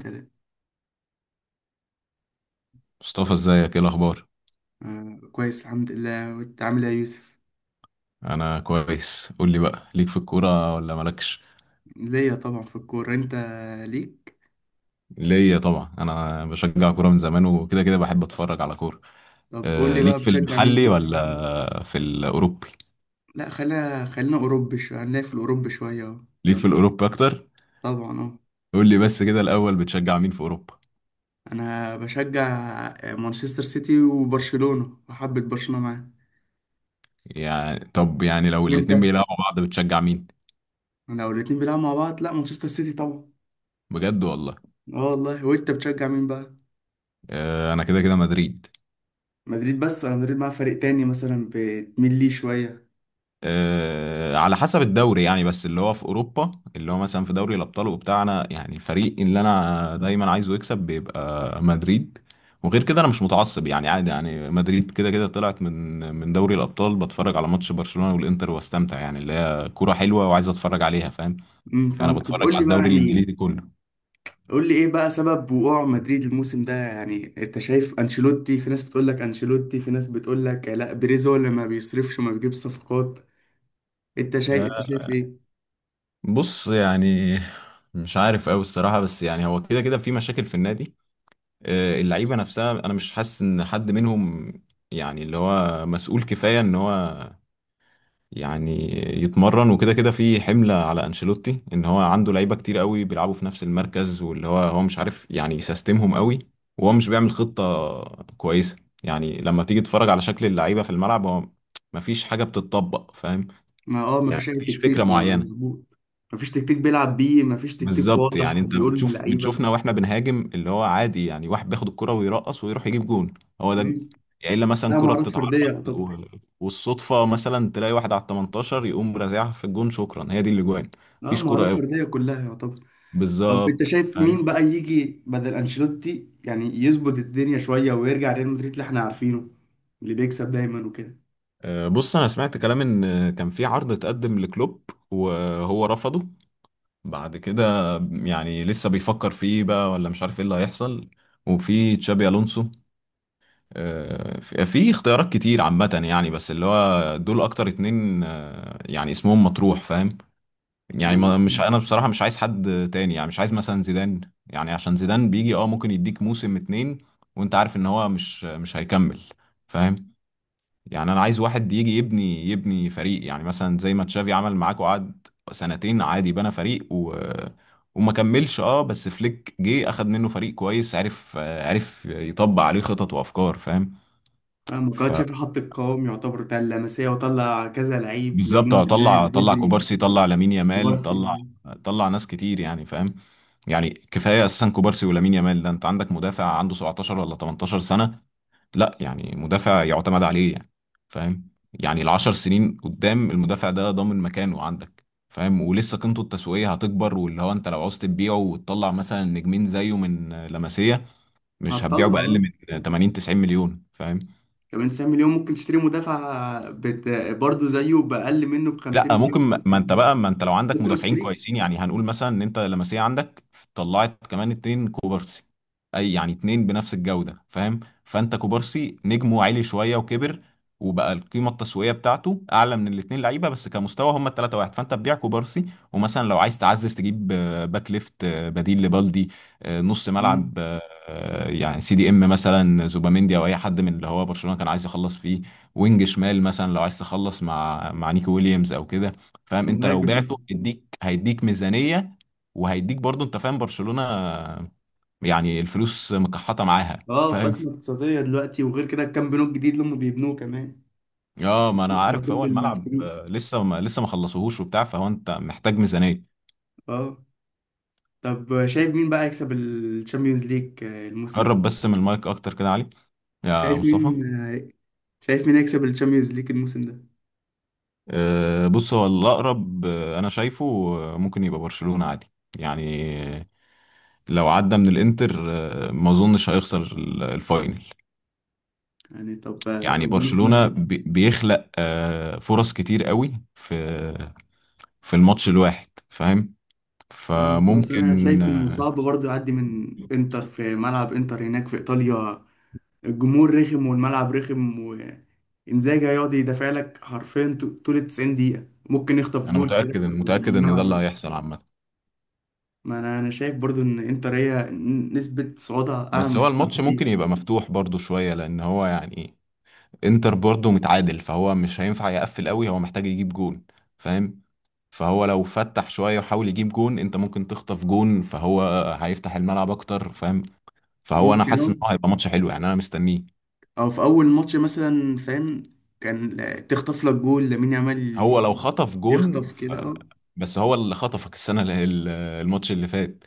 تمام. مصطفى، ازيك؟ ايه الاخبار؟ آه كويس الحمد لله، وانت عامل ايه يا يوسف؟ انا كويس. قول لي بقى، ليك في الكوره ولا مالكش؟ ليا طبعا في الكورة، انت ليك؟ ليا طبعا. انا بشجع كوره من زمان، وكده كده بحب اتفرج على كوره. طب قول لي انا ليك بقى في بتشجع المحلي مين؟ ولا في الاوروبي؟ لا خلينا اوروبي شوية، هنلاقي في الاوروبي شوية اهو. ليك في الاوروبي اكتر. طبعا اه. قول لي بس كده الاول، بتشجع مين في اوروبا؟ انا بشجع مانشستر سيتي وبرشلونة، وحبة برشلونة معاه. يعني طب يعني لو الاتنين وانت؟ بيلعبوا بعض بتشجع مين؟ انا لو الاتنين بيلعبوا مع بعض، لا مانشستر سيتي طبعا. بجد والله؟ اه والله. وانت بتشجع مين بقى؟ انا كده كده مدريد. مدريد؟ بس انا مدريد مع فريق تاني مثلا بتميل ليه شوية. على حسب الدوري يعني، بس اللي هو في اوروبا، اللي هو مثلا في دوري الابطال وبتاعنا. يعني الفريق اللي انا دايما عايزه يكسب بيبقى مدريد. وغير كده انا مش متعصب يعني، عادي يعني. مدريد كده كده طلعت من دوري الابطال، بتفرج على ماتش برشلونة والانتر واستمتع، يعني اللي هي كوره حلوه وعايز اتفرج عليها. فاهم؟ انا فاهمك. طب بتفرج قول على لي بقى الدوري يعني، الانجليزي كله. قول لي ايه بقى سبب وقوع مدريد الموسم ده؟ يعني انت شايف انشيلوتي، في ناس بتقول لك انشيلوتي، في ناس بتقول لك لا، بيريز هو اللي ما بيصرفش ما بيجيبش صفقات. انت شايف، آه، انت شايف ايه؟ بص يعني، مش عارف قوي الصراحه، بس يعني هو كده كده في مشاكل في النادي. اللعيبه نفسها انا مش حاسس ان حد منهم، يعني اللي هو مسؤول كفايه ان هو يعني يتمرن. وكده كده في حمله على انشيلوتي ان هو عنده لعيبه كتير قوي بيلعبوا في نفس المركز، واللي هو هو مش عارف يعني يسيستمهم قوي. وهو مش بيعمل خطه كويسه. يعني لما تيجي تتفرج على شكل اللعيبه في الملعب، هو مفيش حاجه بتتطبق. فاهم؟ ما اه، ما يعني فيش اي مفيش فكره تكتيك، ما ولا معينه. مظبوط؟ ما فيش تكتيك بيلعب بيه، ما فيش تكتيك بالظبط. يعني واضح انت بيقول بتشوف للعيبه. بتشوفنا واحنا بنهاجم، اللي هو عادي يعني واحد بياخد الكرة ويرقص ويروح يجيب جون. هو ده مم. يعني. الا مثلا لا كرة مهارات فرديه بتتعرض و... يعتبر. والصدفة مثلا تلاقي واحد على ال 18 يقوم رازعها في الجون، شكرا، هي دي الاجوان. اه مفيش كرة مهارات قوي، فرديه كلها يعتبر. طب انت بالظبط. شايف مين فاهم؟ بقى يجي بدل انشيلوتي يعني يظبط الدنيا شويه ويرجع ريال مدريد اللي احنا عارفينه، اللي بيكسب دايما وكده؟ بص، انا سمعت كلام ان كان في عرض اتقدم لكلوب وهو رفضه. بعد كده يعني لسه بيفكر فيه بقى ولا مش عارف ايه اللي هيحصل. وفي تشابي الونسو. في في اختيارات كتير عامة يعني، بس اللي هو دول أكتر اتنين يعني اسمهم مطروح. فاهم؟ يعني ما- مش أنا بصراحة مش عايز حد تاني. يعني مش عايز مثلا زيدان. يعني عشان زيدان بيجي اه ممكن يديك موسم اتنين، وأنت عارف إن هو مش هيكمل. فاهم؟ يعني أنا عايز واحد يجي يبني فريق، يعني مثلا زي ما تشافي عمل معاك وقعد سنتين عادي، بنى فريق وما كملش اه. بس فليك جه اخد منه فريق كويس، عرف عرف يطبق عليه خطط وافكار. فاهم؟ فاهم. ف كمان شافي حط القوام يعتبر بتاع اللمسية، وطلع كذا لعيب، بالظبط لامين اه. يامال طلع بدري. كوبارسي، طلع لامين يامال، كبار مم، طلع. سنين طلع ناس كتير يعني. فاهم؟ يعني كفايه اساسا كوبارسي ولامين يامال. ده انت عندك مدافع عنده 17 ولا 18 سنه. لا يعني مدافع يعتمد عليه يعني. فاهم؟ يعني العشر سنين قدام المدافع ده ضامن مكانه عندك. فاهم؟ ولسه قيمته التسويقيه هتكبر. واللي هو انت لو عاوز تبيعه وتطلع مثلا نجمين زيه من لمسيه، مش هتبيعه هتطلع باقل اه. من 80 90 مليون. فاهم؟ كمان 90 مليون ممكن تشتري مدافع برضه زيه بأقل منه ب 50 لا ممكن. مليون ما مثلا. انت بقى، ما انت لو عندك انت ما مدافعين تشتريش. كويسين، يعني هنقول مثلا ان انت لمسيه عندك طلعت كمان اتنين كوبارسي، اي يعني اتنين بنفس الجوده. فاهم؟ فانت كوبارسي نجمه عالي شويه وكبر، وبقى القيمه التسويقيه بتاعته اعلى من الاتنين لعيبه، بس كمستوى هم التلاته واحد. فانت تبيع كوبارسي، ومثلا لو عايز تعزز تجيب باك ليفت، بديل لبالدي، نص ملعب، مم. يعني سي دي ام مثلا زوباميندي، او اي حد من اللي هو برشلونه كان عايز يخلص فيه. وينج شمال مثلا لو عايز تخلص مع نيكو ويليامز او كده. فاهم؟ انت لو مهاجم بعته مثلا. هيديك ميزانية، وهيديك برضو. انت فاهم برشلونة يعني، الفلوس مكحطة معاها. اه في فاهم؟ أزمة اقتصادية دلوقتي، وغير كده كام بنوك جديد اللي هم بيبنوه كمان. اه ما انا خلص على عارف. هو كل الملعب الفلوس. لسه ما خلصوهوش وبتاع، فهو انت محتاج ميزانية. اه. طب شايف مين بقى يكسب الشامبيونز ليج الموسم ده؟ قرب بس من المايك اكتر كده يا علي، يا شايف مصطفى. مين؟ شايف مين يكسب الشامبيونز ليج الموسم ده؟ بص، هو الاقرب انا شايفه ممكن يبقى برشلونة عادي. يعني لو عدى من الانتر ما اظنش هيخسر الفاينل. يعني طب يعني باريس برشلونة مثلا؟ بيخلق فرص كتير قوي في في الماتش الواحد. فاهم؟ فاهم، بس انا فممكن شايف انه صعب برضه يعدي من انتر في ملعب انتر هناك في ايطاليا. الجمهور رخم والملعب رخم، وانزاجي هيقعد يدافع لك حرفيا طول ال 90 دقيقة، ممكن يخطف انا جول كده متأكد وينام ان ده اللي عليه. هيحصل عامة. ما انا، انا شايف برضه ان انتر هي نسبة صعودها اعلى بس من هو برشلونة الماتش بكتير. ممكن يبقى مفتوح برضو شوية، لان هو يعني انتر برضو متعادل، فهو مش هينفع يقفل قوي، هو محتاج يجيب جون. فاهم؟ فهو لو فتح شوية وحاول يجيب جون انت ممكن تخطف جون، فهو هيفتح الملعب اكتر. فاهم؟ فهو انا ممكن حاسس ان اه. هو هيبقى ماتش حلو يعني. انا مستنيه. او في اول ماتش مثلا فاهم، كان تخطف لك جول لامين يامال، هو لو خطف جون يخطف كده اه. بس هو اللي خطفك السنة الماتش اللي فات.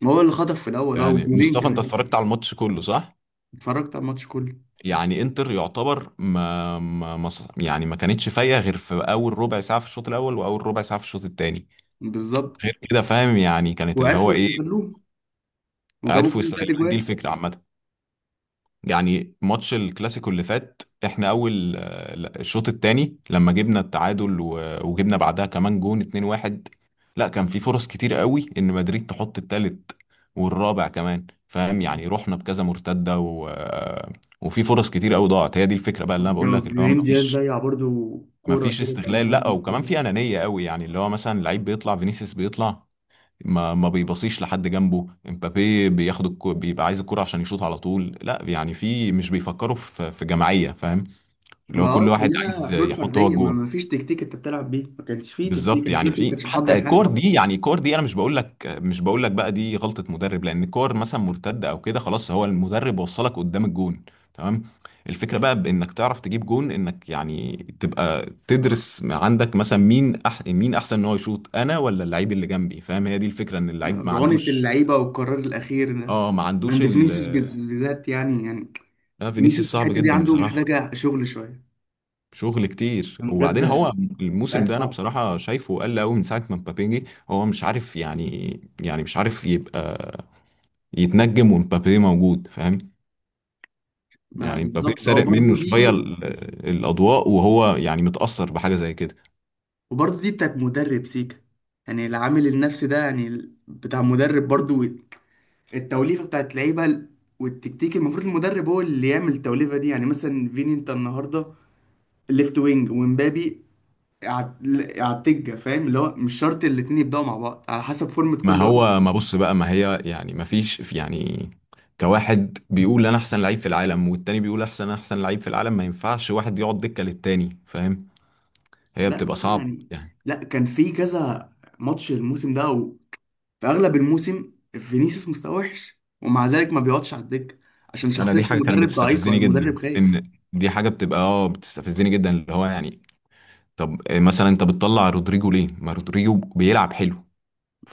ما هو اللي خطف في الاول اه، يعني وجولين مصطفى، انت كمان. اتفرجت على الماتش كله صح؟ اتفرجت على الماتش كله. يعني انتر يعتبر ما, ما... ما ص- يعني ما كانتش فايقة غير في اول ربع ساعة في الشوط الاول، واول ربع ساعة في الشوط الثاني. بالظبط. غير كده فاهم؟ يعني كانت اللي هو وعرفوا ايه، يستغلوه وجابوا عرفوا فيهم تلات يستغلون دي اجوال. الفكرة عامة. يعني ماتش الكلاسيكو اللي فات، احنا اول لا، الشوط الثاني لما جبنا التعادل وجبنا بعدها كمان جون 2-1، لا كان في فرص كتير قوي ان مدريد تحط الثالث والرابع كمان. فاهم؟ يعني رحنا بكذا مرتدة و... آه، وفي فرص كتير قوي ضاعت. هي دي الفكرة بقى اللي انا بقول لك، اللي هو ابراهيم دياز مفيش ضيع برضو كوره مفيش كده، كان استغلال. لا مهاجم وكمان الكورة. في انانية قوي، يعني اللي هو مثلا لعيب بيطلع فينيسيوس بيطلع ما بيبصيش لحد جنبه. امبابي بياخد بيبقى عايز الكرة عشان يشوط على طول. لا يعني في مش بيفكروا في جماعية. فاهم؟ اللي ما هو اه، كل واحد كلها عايز حلول يحط هو فرديه، ما, الجون. ما فيش تكتيك انت بتلعب بيه، ما كانش فيه تكتيك، بالظبط. يعني انشيلوتي ما في كانش حتى محضر الكور حاجه. دي، يعني الكور دي انا مش بقول لك، مش بقول لك بقى دي غلطة مدرب، لان الكور مثلا مرتدة او كده، خلاص هو المدرب وصلك قدام الجون، تمام. الفكرة بقى بانك تعرف تجيب جون، انك يعني تبقى تدرس عندك مثلا مين مين احسن ان هو يشوط، انا ولا اللعيب اللي جنبي. فاهم؟ هي دي الفكرة، ان اللعيب ما رعونه عندوش اللعيبه والقرار الاخير ده اه، ما عندوش عند فينيسيوس بالذات، يعني انا فينيسيوس فينيسيوس صعب الحته دي جدا عنده بصراحه. محتاجه شغل شويه. شغل كتير. كان بجد وبعدين هو الموسم لعيب ده انا صعب. بصراحه شايفه قل قوي من ساعه ما مبابي جه. هو مش عارف يعني، يعني مش عارف يبقى يتنجم ومبابي موجود. فاهم؟ ما يعني مبابي بالظبط اه، سارق برضو منه دي. شويه الاضواء، وهو يعني متاثر بحاجه زي كده. وبرضه دي بتاعت مدرب سيكا، يعني العامل النفسي ده يعني بتاع مدرب برضه. التوليفة بتاعت لعيبة والتكتيك، المفروض المدرب هو اللي يعمل التوليفة دي، يعني مثلا فيني انت النهاردة ليفت وينج، ومبابي على التجة، فاهم؟ اللي هو مش شرط الاتنين يبدأوا مع بعض، على حسب فورمة ما كل واحد. هو ما بص بقى، ما هي يعني ما فيش يعني كواحد بيقول انا احسن لعيب في العالم، والتاني بيقول احسن لعيب في العالم، ما ينفعش واحد يقعد دكه للتاني. فاهم؟ هي لا بتبقى مثلا صعبه يعني، يعني. لا كان في كذا ماتش الموسم ده، او في اغلب الموسم فينيسيوس مستواه وحش، ومع ذلك ما بيقعدش على الدكة، عشان انا شخصية دي حاجه كانت المدرب ضعيفة، بتستفزني المدرب جدا، خايف. ان دي حاجه بتبقى اه بتستفزني جدا، اللي هو يعني طب مثلا انت بتطلع رودريجو ليه؟ ما رودريجو بيلعب حلو.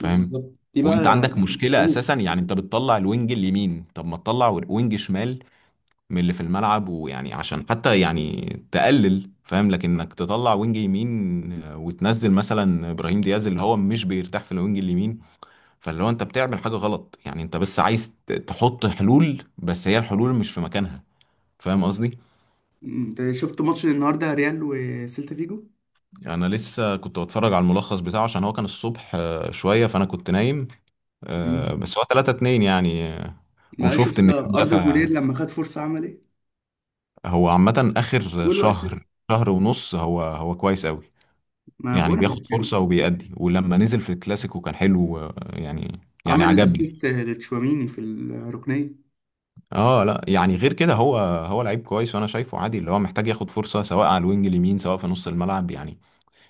ما بالظبط، دي بقى وانت عندك يعني مشكله اساسا أوه. يعني، انت بتطلع الوينج اليمين، طب ما تطلع وينج شمال من اللي في الملعب. ويعني عشان حتى يعني تقلل. فاهم؟ لكن انك تطلع وينج يمين وتنزل مثلا ابراهيم دياز اللي هو مش بيرتاح في الوينج اليمين، فاللي هو انت بتعمل حاجه غلط. يعني انت بس عايز تحط حلول، بس هي الحلول مش في مكانها. فاهم قصدي؟ انت شفت ماتش النهارده ريال وسيلتا فيجو؟ يعني انا لسه كنت بتفرج على الملخص بتاعه، عشان هو كان الصبح شويه فانا كنت نايم. مم. بس هو 3-2 يعني. ما وشفت شفت ان في اردا مدافع. جولير لما خد فرصه عمل ايه؟ هو عامه اخر جول اسيست. شهر، شهر ونص، هو هو كويس قوي. ما يعني بقول لك بياخد يعني. فرصه وبيأدي. ولما نزل في الكلاسيكو كان حلو يعني يعني عمل عجبني. الاسيست لتشواميني في الركنيه. اه لا يعني غير كده هو هو لعيب كويس، وانا شايفه عادي اللي هو محتاج ياخد فرصه سواء على الوينج اليمين، سواء في نص الملعب يعني.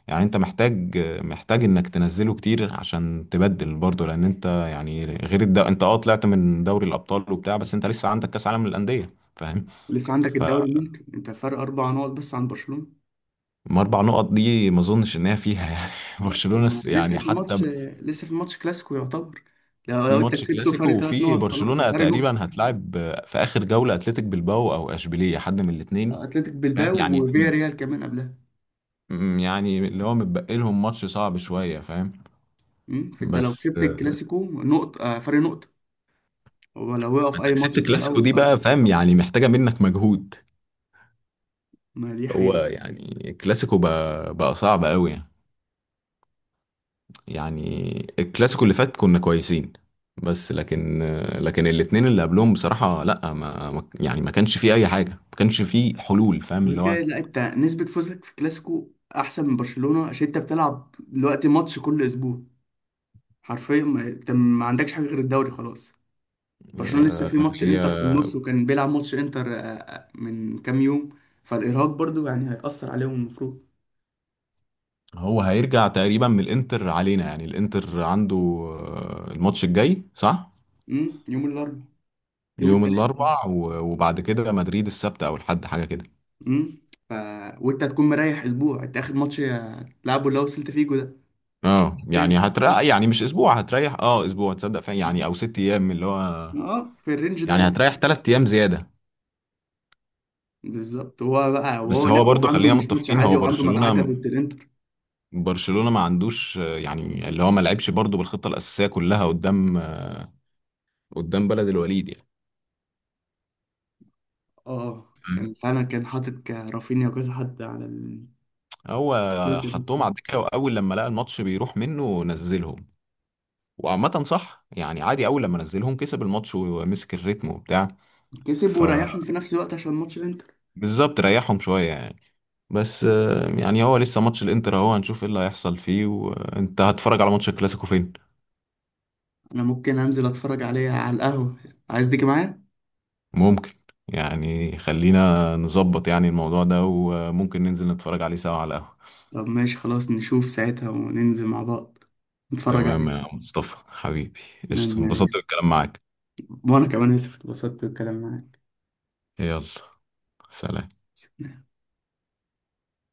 يعني انت محتاج، محتاج انك تنزله كتير عشان تبدل برضه، لان انت يعني غير انت اه طلعت من دوري الابطال وبتاع، بس انت لسه عندك كاس عالم للانديه. فاهم؟ ولسه عندك الدوري، فما ممكن انت فرق اربع نقط بس عن برشلونه. 4 نقط دي ما اظنش ان هي فيها يعني. لا، لسه يعني في حتى الماتش، لسه في الماتش كلاسيكو يعتبر. لو، في لو انت ماتش كسبته كلاسيكو، فرق ثلاث وفي نقط، خلاص برشلونه فرق نقطه. تقريبا هتلاعب في اخر جوله اتلتيك بالباو او اشبيليه، حد من الاثنين. اتلتيك فاهم؟ بلباو يعني وفيا ريال كمان قبلها. يعني اللي هو متبقي لهم ماتش صعب شويه. فاهم؟ مم. فانت لو بس كسبت الكلاسيكو نقطه فرق نقطه. ولو وقف انت اي كسبت ماتش انت الكلاسيكو الاول، دي بقى. خلاص. فاهم؟ يعني محتاجه منك مجهود. ما دي هو حقيقة. يعني الكلاسيكو بقى صعب قوي يعني. يعني الكلاسيكو اللي فات كنا كويسين، بس لكن، لكن الاتنين اللي قبلهم بصراحة لا، يعني ما كانش فيه اي حاجة، ما كانش فيه حلول. فاهم؟ غير اللي كده هو لا، انت نسبة فوزك في الكلاسيكو احسن من برشلونة، عشان انت بتلعب دلوقتي ماتش كل اسبوع حرفيا. انت ما عندكش حاجة غير الدوري خلاص. برشلونة لسه آه، في ماتش هي انتر في النص، وكان بيلعب ماتش انتر من كام يوم. فالارهاق برضو يعني هيأثر عليهم المفروض. هو هيرجع تقريبا من الانتر علينا. يعني الانتر عنده الماتش الجاي صح. يوم الاربعاء، يوم يوم الثلاثاء. الاربع وبعد كده مدريد السبت او الحد، حاجة كده. امم ف... وانت هتكون مريح اسبوع، انت اخر ماتش تلعبه اللي هو سيلتا فيجو ده. اه يعني التاني هتريح يعني، مش اسبوع هتريح اه، اسبوع تصدق فعلا يعني، او 6 ايام اللي هو. اه في الرينج يعني ده. هتريح 3 ايام زياده. بالظبط. هو بقى، وهو بس هو لا، وهو برضو عنده خلينا مش ماتش متفقين، عادي، هو هو عنده مدعكه برشلونه، ضد الانتر. برشلونه ما عندوش يعني اللي هو ما لعبش برضو بالخطه الاساسيه كلها قدام قدام بلد الوليد يعني. اه كان فاهم؟ فعلا كان حاطط رافينيا وكذا حد على هو دوت الماتش حطهم ده. على الدكه، واول لما لقى الماتش بيروح منه نزلهم. وعامة صح يعني، عادي، اول لما نزلهم كسب الماتش ومسك الريتم وبتاع. كسب وريحهم فبالظبط، في نفس الوقت عشان ماتش الانتر. ريحهم شويه يعني. بس يعني هو لسه ماتش الانتر اهو، هنشوف ايه اللي هيحصل فيه. وانت هتتفرج على ماتش الكلاسيكو فين؟ انا ممكن انزل اتفرج عليه على القهوه، عايز تيجي معايا؟ ممكن. يعني خلينا نظبط يعني الموضوع ده، وممكن ننزل نتفرج عليه سوا على القهوة. طب ماشي خلاص، نشوف ساعتها وننزل مع بعض نتفرج تمام عليه. يا مصطفى حبيبي. قشطة، تمام يا انبسطت يوسف. بالكلام معاك. وانا كمان يوسف اتبسطت بالكلام معاك. يلا، سلام.